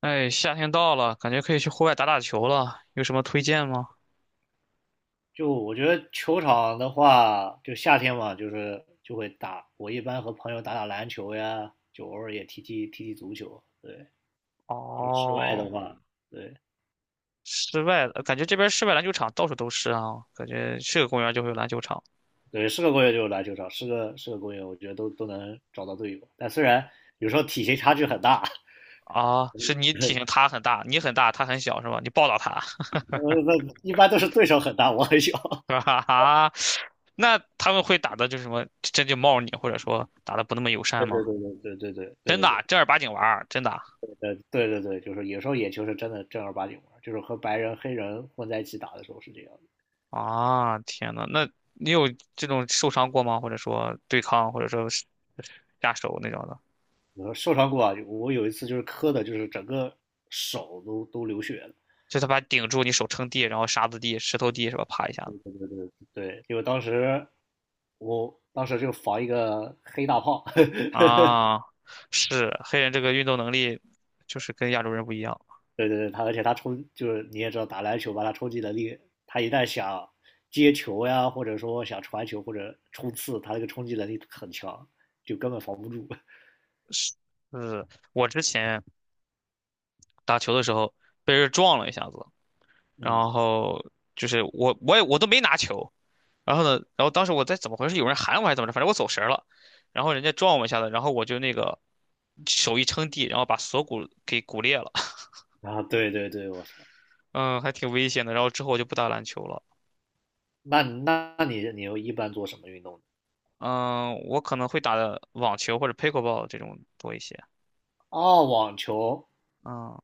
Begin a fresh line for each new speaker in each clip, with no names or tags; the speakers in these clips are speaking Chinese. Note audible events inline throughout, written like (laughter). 哎，夏天到了，感觉可以去户外打打球了，有什么推荐吗？
就我觉得球场的话，就夏天嘛，就是就会打。我一般和朋友打打篮球呀，就偶尔也踢踢足球。对，就室外
哦，
的话，对
室外的，感觉这边室外篮球场到处都是啊，感觉是个公园就会有篮球场
对，是个公园就有篮球场，是个公园，我觉得都能找到队友。但虽然有时候体型差距很大。
啊。是你体
(laughs)
型他很大，你很大，他很小是吧？你抱到他，(laughs)
那一般都是对手很大，我很小。(laughs)
是哈哈，那他们会打的就是什么，真就冒你，或者说打的不那么友善
对对
吗？
对对对对对
真
对
的啊
对。
正儿八经玩儿，真的啊。
对对对，就是有时候野球是真的正儿八经玩儿，就是和白人黑人混在一起打的时候是这样。
啊天呐，那你有这种受伤过吗？或者说对抗，或者说是下手那种的？
我受伤过啊，我有一次就是磕的，就是整个手都流血了。
就他把你顶住，你手撑地，然后沙子地、石头地是吧？啪一下子
对，因为当时我当时就防一个黑大炮。(laughs) 呵呵。
啊，是黑人这个运动能力就是跟亚洲人不一样。
对对对，他而且他冲，就是你也知道打篮球吧，他冲击能力，他一旦想接球呀，或者说想传球或者冲刺，他那个冲击能力很强，就根本防不住。(laughs)
就是我之前打球的时候被人撞了一下子，
嗯。
然后就是我也我都没拿球，然后呢，然后当时我在怎么回事？有人喊我还是怎么着？反正我走神儿了，然后人家撞我一下子，然后我就那个手一撑地，然后把锁骨给骨裂了，(laughs)
啊，对对对，我操。
嗯，还挺危险的。然后之后我就不打篮球了。
那你又一般做什么运动呢？
嗯，我可能会打的网球或者 pickleball 这种多一些。
哦，网球。
嗯，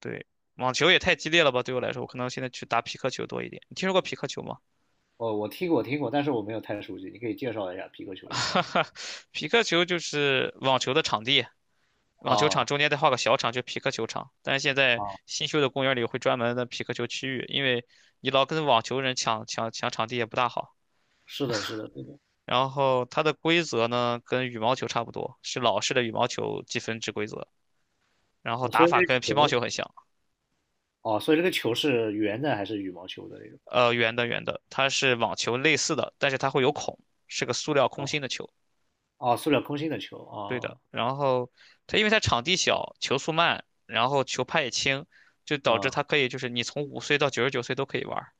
对，网球也太激烈了吧，对我来说，我可能现在去打匹克球多一点。你听说过匹克球吗？
哦，我听过听过，但是我没有太熟悉，你可以介绍一下皮克球是干什么
匹克球就是网球的场地，
的？
网球场
啊。
中间再画个小场，就匹克球场。但是现在
啊，
新修的公园里会专门的匹克球区域，因为你老跟网球人抢场地也不大好。
是的，是的，是的。
然后它的规则呢，跟羽毛球差不多，是老式的羽毛球积分制规则，然后
哦，
打
所以这
法跟
个
乒乓
球，
球很像。
哦，所以这个球是圆的还是羽毛球的那种？
圆的圆的，它是网球类似的，但是它会有孔，是个塑料空
哦
心的球。
哦，塑料空心的球。
对的，
哦，
然后它因为它场地小，球速慢，然后球拍也轻，就导致
嗯，
它可以就是你从5岁到99岁都可以玩儿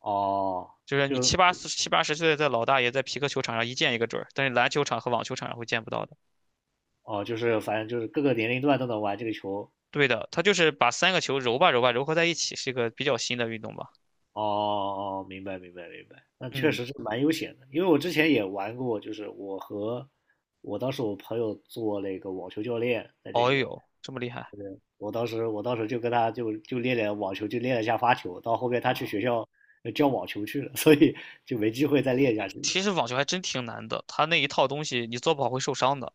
哦，
就是你
就
七八十岁的老大爷在皮克球场上一见一个准儿，但是篮球场和网球场上会见不到的。
哦，就是反正就是各个年龄段都能玩这个球。
对的，它就是把三个球揉吧揉吧揉合在一起，是一个比较新的运动吧。
哦哦，哦，明白明白明白，那确
嗯，
实是蛮悠闲的，因为我之前也玩过，就是我和我当时我朋友做那个网球教练在这
哦
边，
哟，这么厉害
我当时就跟他就练练网球，就练了一下发球，到后面他去
啊！
学校教网球去了。(laughs) 所以就没机会再练下去了。
其实网球还真挺难的，它那一套东西你做不好会受伤的。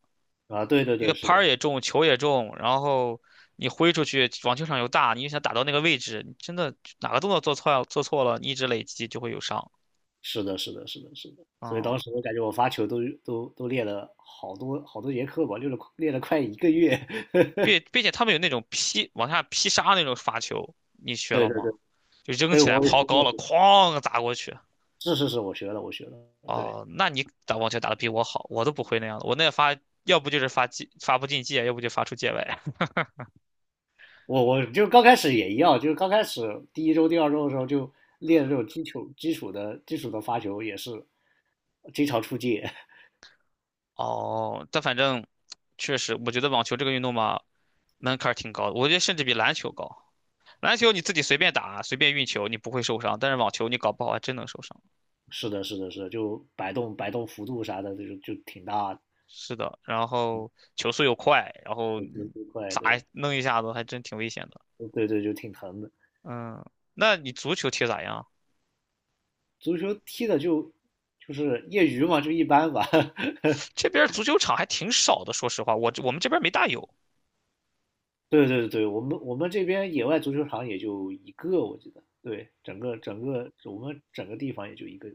啊，对对
一个
对，是
拍儿
的，
也重，球也重，然后你挥出去，网球场又大，你又想打到那个位置，你真的哪个动作做错了，你一直累积就会有伤。
是的，是的，是的，是的。所以
嗯，
当时我感觉我发球都练了好多好多节课吧，练了练了快一个月。(laughs)
并且他们有那种劈往下劈杀那种发球，你学
对
了
对
吗？
对，
就扔
所以
起来
我也
抛
学
高了，
了，
哐砸过去。
是是是，我学了，我学了。对，
哦，那你打网球打得比我好，我都不会那样的。我那发要不就是发界发不进界，要不就发出界外。
我就刚开始也一样，就是刚开始第一周、第二周的时候就练这种基础的发球，也是经常出界。
(laughs) 哦，但反正确实，我觉得网球这个运动嘛，门槛儿挺高的，我觉得甚至比篮球高。篮球你自己随便打，随便运球，你不会受伤，但是网球你搞不好还真能受伤。
是的，是的，是的，就摆动幅度啥的，就挺大的，
是的，然后球速又快，然后
就节奏快，
砸一
对，
弄一下子还真挺危险的。
对对，就挺疼的。
嗯，那你足球踢咋样？
足球踢的就是业余嘛，就一般吧。(laughs)
(sniffs) 这边足球场还挺少的，说实话，我们这边没大有。
对对对，我们这边野外足球场也就一个，我记得。对，整个整个我们整个地方也就一个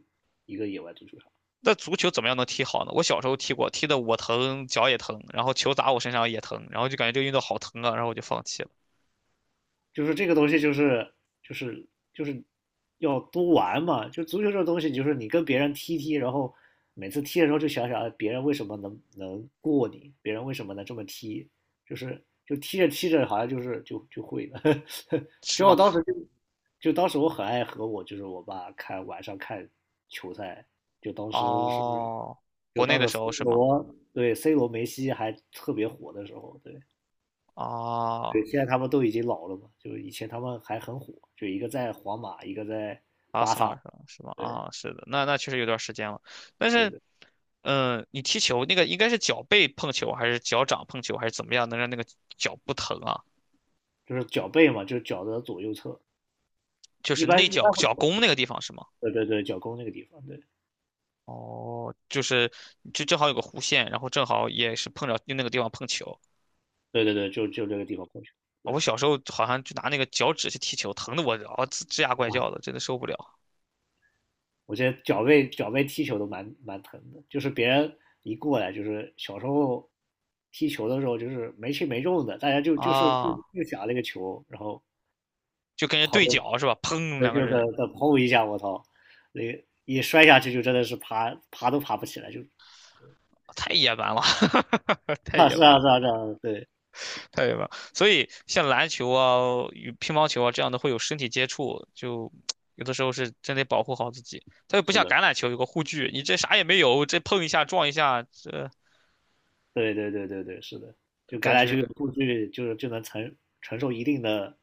一个野外足球场。
那足球怎么样能踢好呢？我小时候踢过，踢的我疼，脚也疼，然后球砸我身上也疼，然后就感觉这个运动好疼啊，然后我就放弃了。
就是这个东西就是就是要多玩嘛。就足球这个东西，就是你跟别人踢踢，然后每次踢的时候就想想，哎，别人为什么能过你，别人为什么能这么踢，就是就踢着踢着好像就是就会了。(laughs) 只
是
要我
吗？
当时就就当时我很爱和我就是我爸看晚上看球赛，就当时是
哦，国内的时
C
候是吗？
罗对 C 罗梅西还特别火的时候，对。
哦，
对，现在他们都已经老了嘛，就以前他们还很火，就一个在皇马，一个在
巴
巴
萨
萨，
是吧？是吗？
对
啊，是的，那确实有段时间了。但
对
是，
对，
你踢球那个应该是脚背碰球，还是脚掌碰球，还是怎么样，能让那个脚不疼啊？
就是脚背嘛，就是脚的左右侧，
就
一
是
般
内
一
脚
般会，
脚弓那个地方是吗？
对对对，脚弓那个地方，对
哦，就是正好有个弧线，然后正好也是碰着用那个地方碰球。
对对对，就这个地方碰球，
我
对。
小时候好像就拿那个脚趾去踢球，疼的我啊吱吱呀怪
哇，
叫的，真的受不了
我觉得脚背踢球都蛮疼的，就是别人一过来，就是小时候踢球的时候就是没轻没重的，大家就就是就
啊！
就想那个球，然后
就跟人对脚是吧？砰，
对，
两
就
个
是
人
再砰一下，我操，那一摔下去就真的是爬都爬不起来，就
太野蛮了，(laughs) 太
啊
野蛮
是啊
了。
是啊是啊，对，
太远了，所以像篮球啊、与乒乓球啊这样的会有身体接触，就有的时候是真得保护好自己。它又不
是
像
的，
橄榄球有个护具，你这啥也没有，这碰一下撞一下，这
对对对对对，是的，就橄
感
榄球有
觉
数据，就是就能承受一定的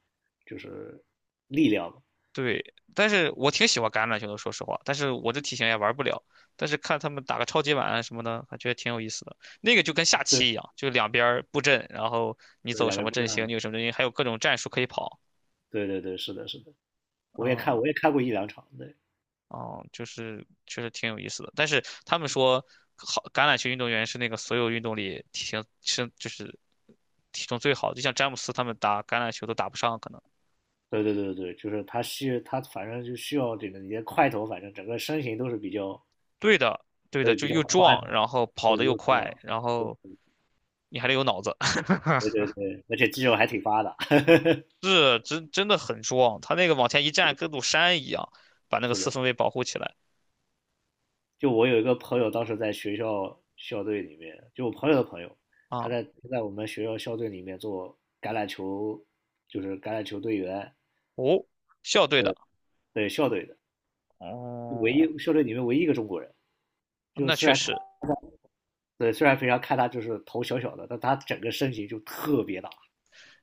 就是力量嘛，
对。但是我挺喜欢橄榄球的，说实话，但是我这体型也玩不了。但是看他们打个超级碗啊什么的，还觉得挺有意思的。那个就跟下
对
棋一样，就两边儿布阵，然后你
对，
走
两
什
倍
么
不
阵
断
型，你
的，
有什么阵型，还有各种战术可以跑。
对对对，是的是的，我也看
啊、
我也看过一两场，对，
哦，就是确实挺有意思的。但是他们说，好橄榄球运动员是那个所有运动里体型身就是体重最好的，就像詹姆斯他们打橄榄球都打不上，可能。
对对对对，就是他反正就需要这个你的块头，反正整个身形都是比较，
对的，对的，
对，
就
比较
又
宽
壮，
的，
然后跑得
对
又
又这
快，
样，
然
对
后你还得有脑子，
对对对，而且肌肉还挺发达。
(laughs) 是真真的很壮。他那个往前一站，跟座山一样，把
(laughs)
那个
是
四
的。
分卫保护起来
就我有一个朋友，当时在学校校队里面，就我朋友的朋友，他
啊。
在他在我们学校校队里面做橄榄球，就是橄榄球队员，
哦，校队的，
对，对校队的，就唯
哦，
一校队里面唯一一个中国人。就
那
虽
确
然看，
实
对，虽然平常看他就是头小小的，但他整个身形就特别大，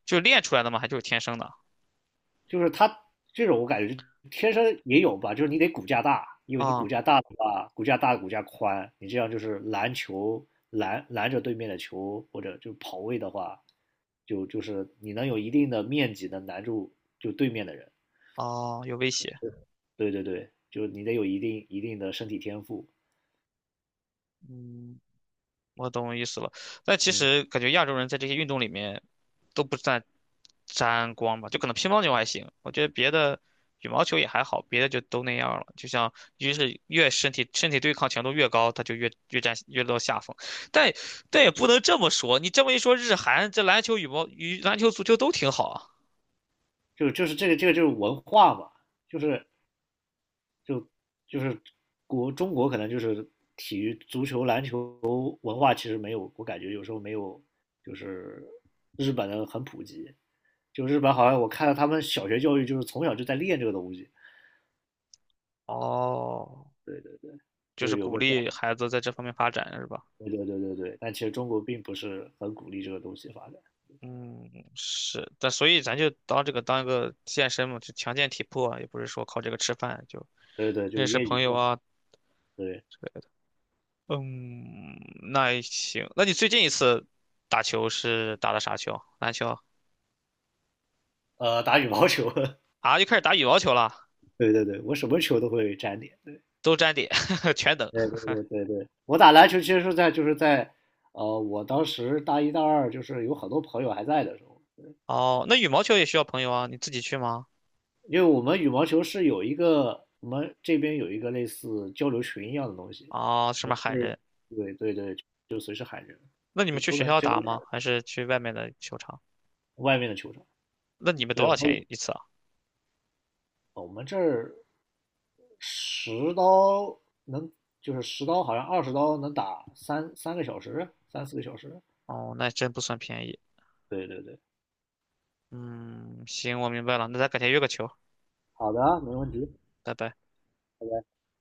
就练出来的嘛，还就是天生的
就是他这种我感觉天生也有吧，就是你得骨架大，因为你骨
啊
架大的话，骨架大骨架宽，你这样就是拦球拦拦着对面的球，或者就跑位的话，就是你能有一定的面积能拦住就对面的人。
哦，有威胁，
对对对，就是你得有一定的身体天赋，
嗯。我懂意思了。但其
嗯。
实感觉亚洲人在这些运动里面都不沾光吧，就可能乒乓球还行，我觉得别的羽毛球也还好，别的就都那样了。就像越是越身体对抗强度越高，他就越占越落下风。但也不能这么说，你这么一说，日韩这篮球、羽毛、羽篮球、足球都挺好啊。
就是这个就是文化嘛，就是就就是国中国可能就是体育、足球、篮球文化其实没有，我感觉有时候没有就是日本的很普及。就日本好像我看到他们小学教育就是从小就在练这个东西，
哦，
对对，
就
就
是
是有
鼓
个，
励孩子在这方面发展是吧？
对对对对对。但其实中国并不是很鼓励这个东西发展，
嗯，是，但所以咱就当这个当一个健身嘛，就强健体魄啊，也不是说靠这个吃饭，就
对对，就
认识
业余
朋友
嘛，
啊
对，
之类的。嗯，那也行。那你最近一次打球是打的啥球？篮球
打羽毛球。
啊？又开始打羽毛球了，
(laughs) 对对对，我什么球都会沾点，对。
都沾点，(laughs) 全等。
对对对对对，我打篮球其实是在就是在，我当时大一大二就是有很多朋友还在的时候，
哦，那羽毛球也需要朋友啊，你自己去吗？
因为我们羽毛球是有一个，我们这边有一个类似交流群一样的东西，
啊，上
嗯
面喊
对
人。
对对对，就随时喊人，
那你
就
们去
都
学
能
校
真的
打
喊
吗？还是去外面的球场？
外面的球场，
那你们
对，
多
我
少
们
钱一次啊？
我们这儿十刀能就是十刀好像20刀能打三四个小时，
哦，那真不算便宜。
对对对，
嗯，行，我明白了，那咱改天约个球。
好的啊，没问
嗯，
题。
拜拜。
拜拜。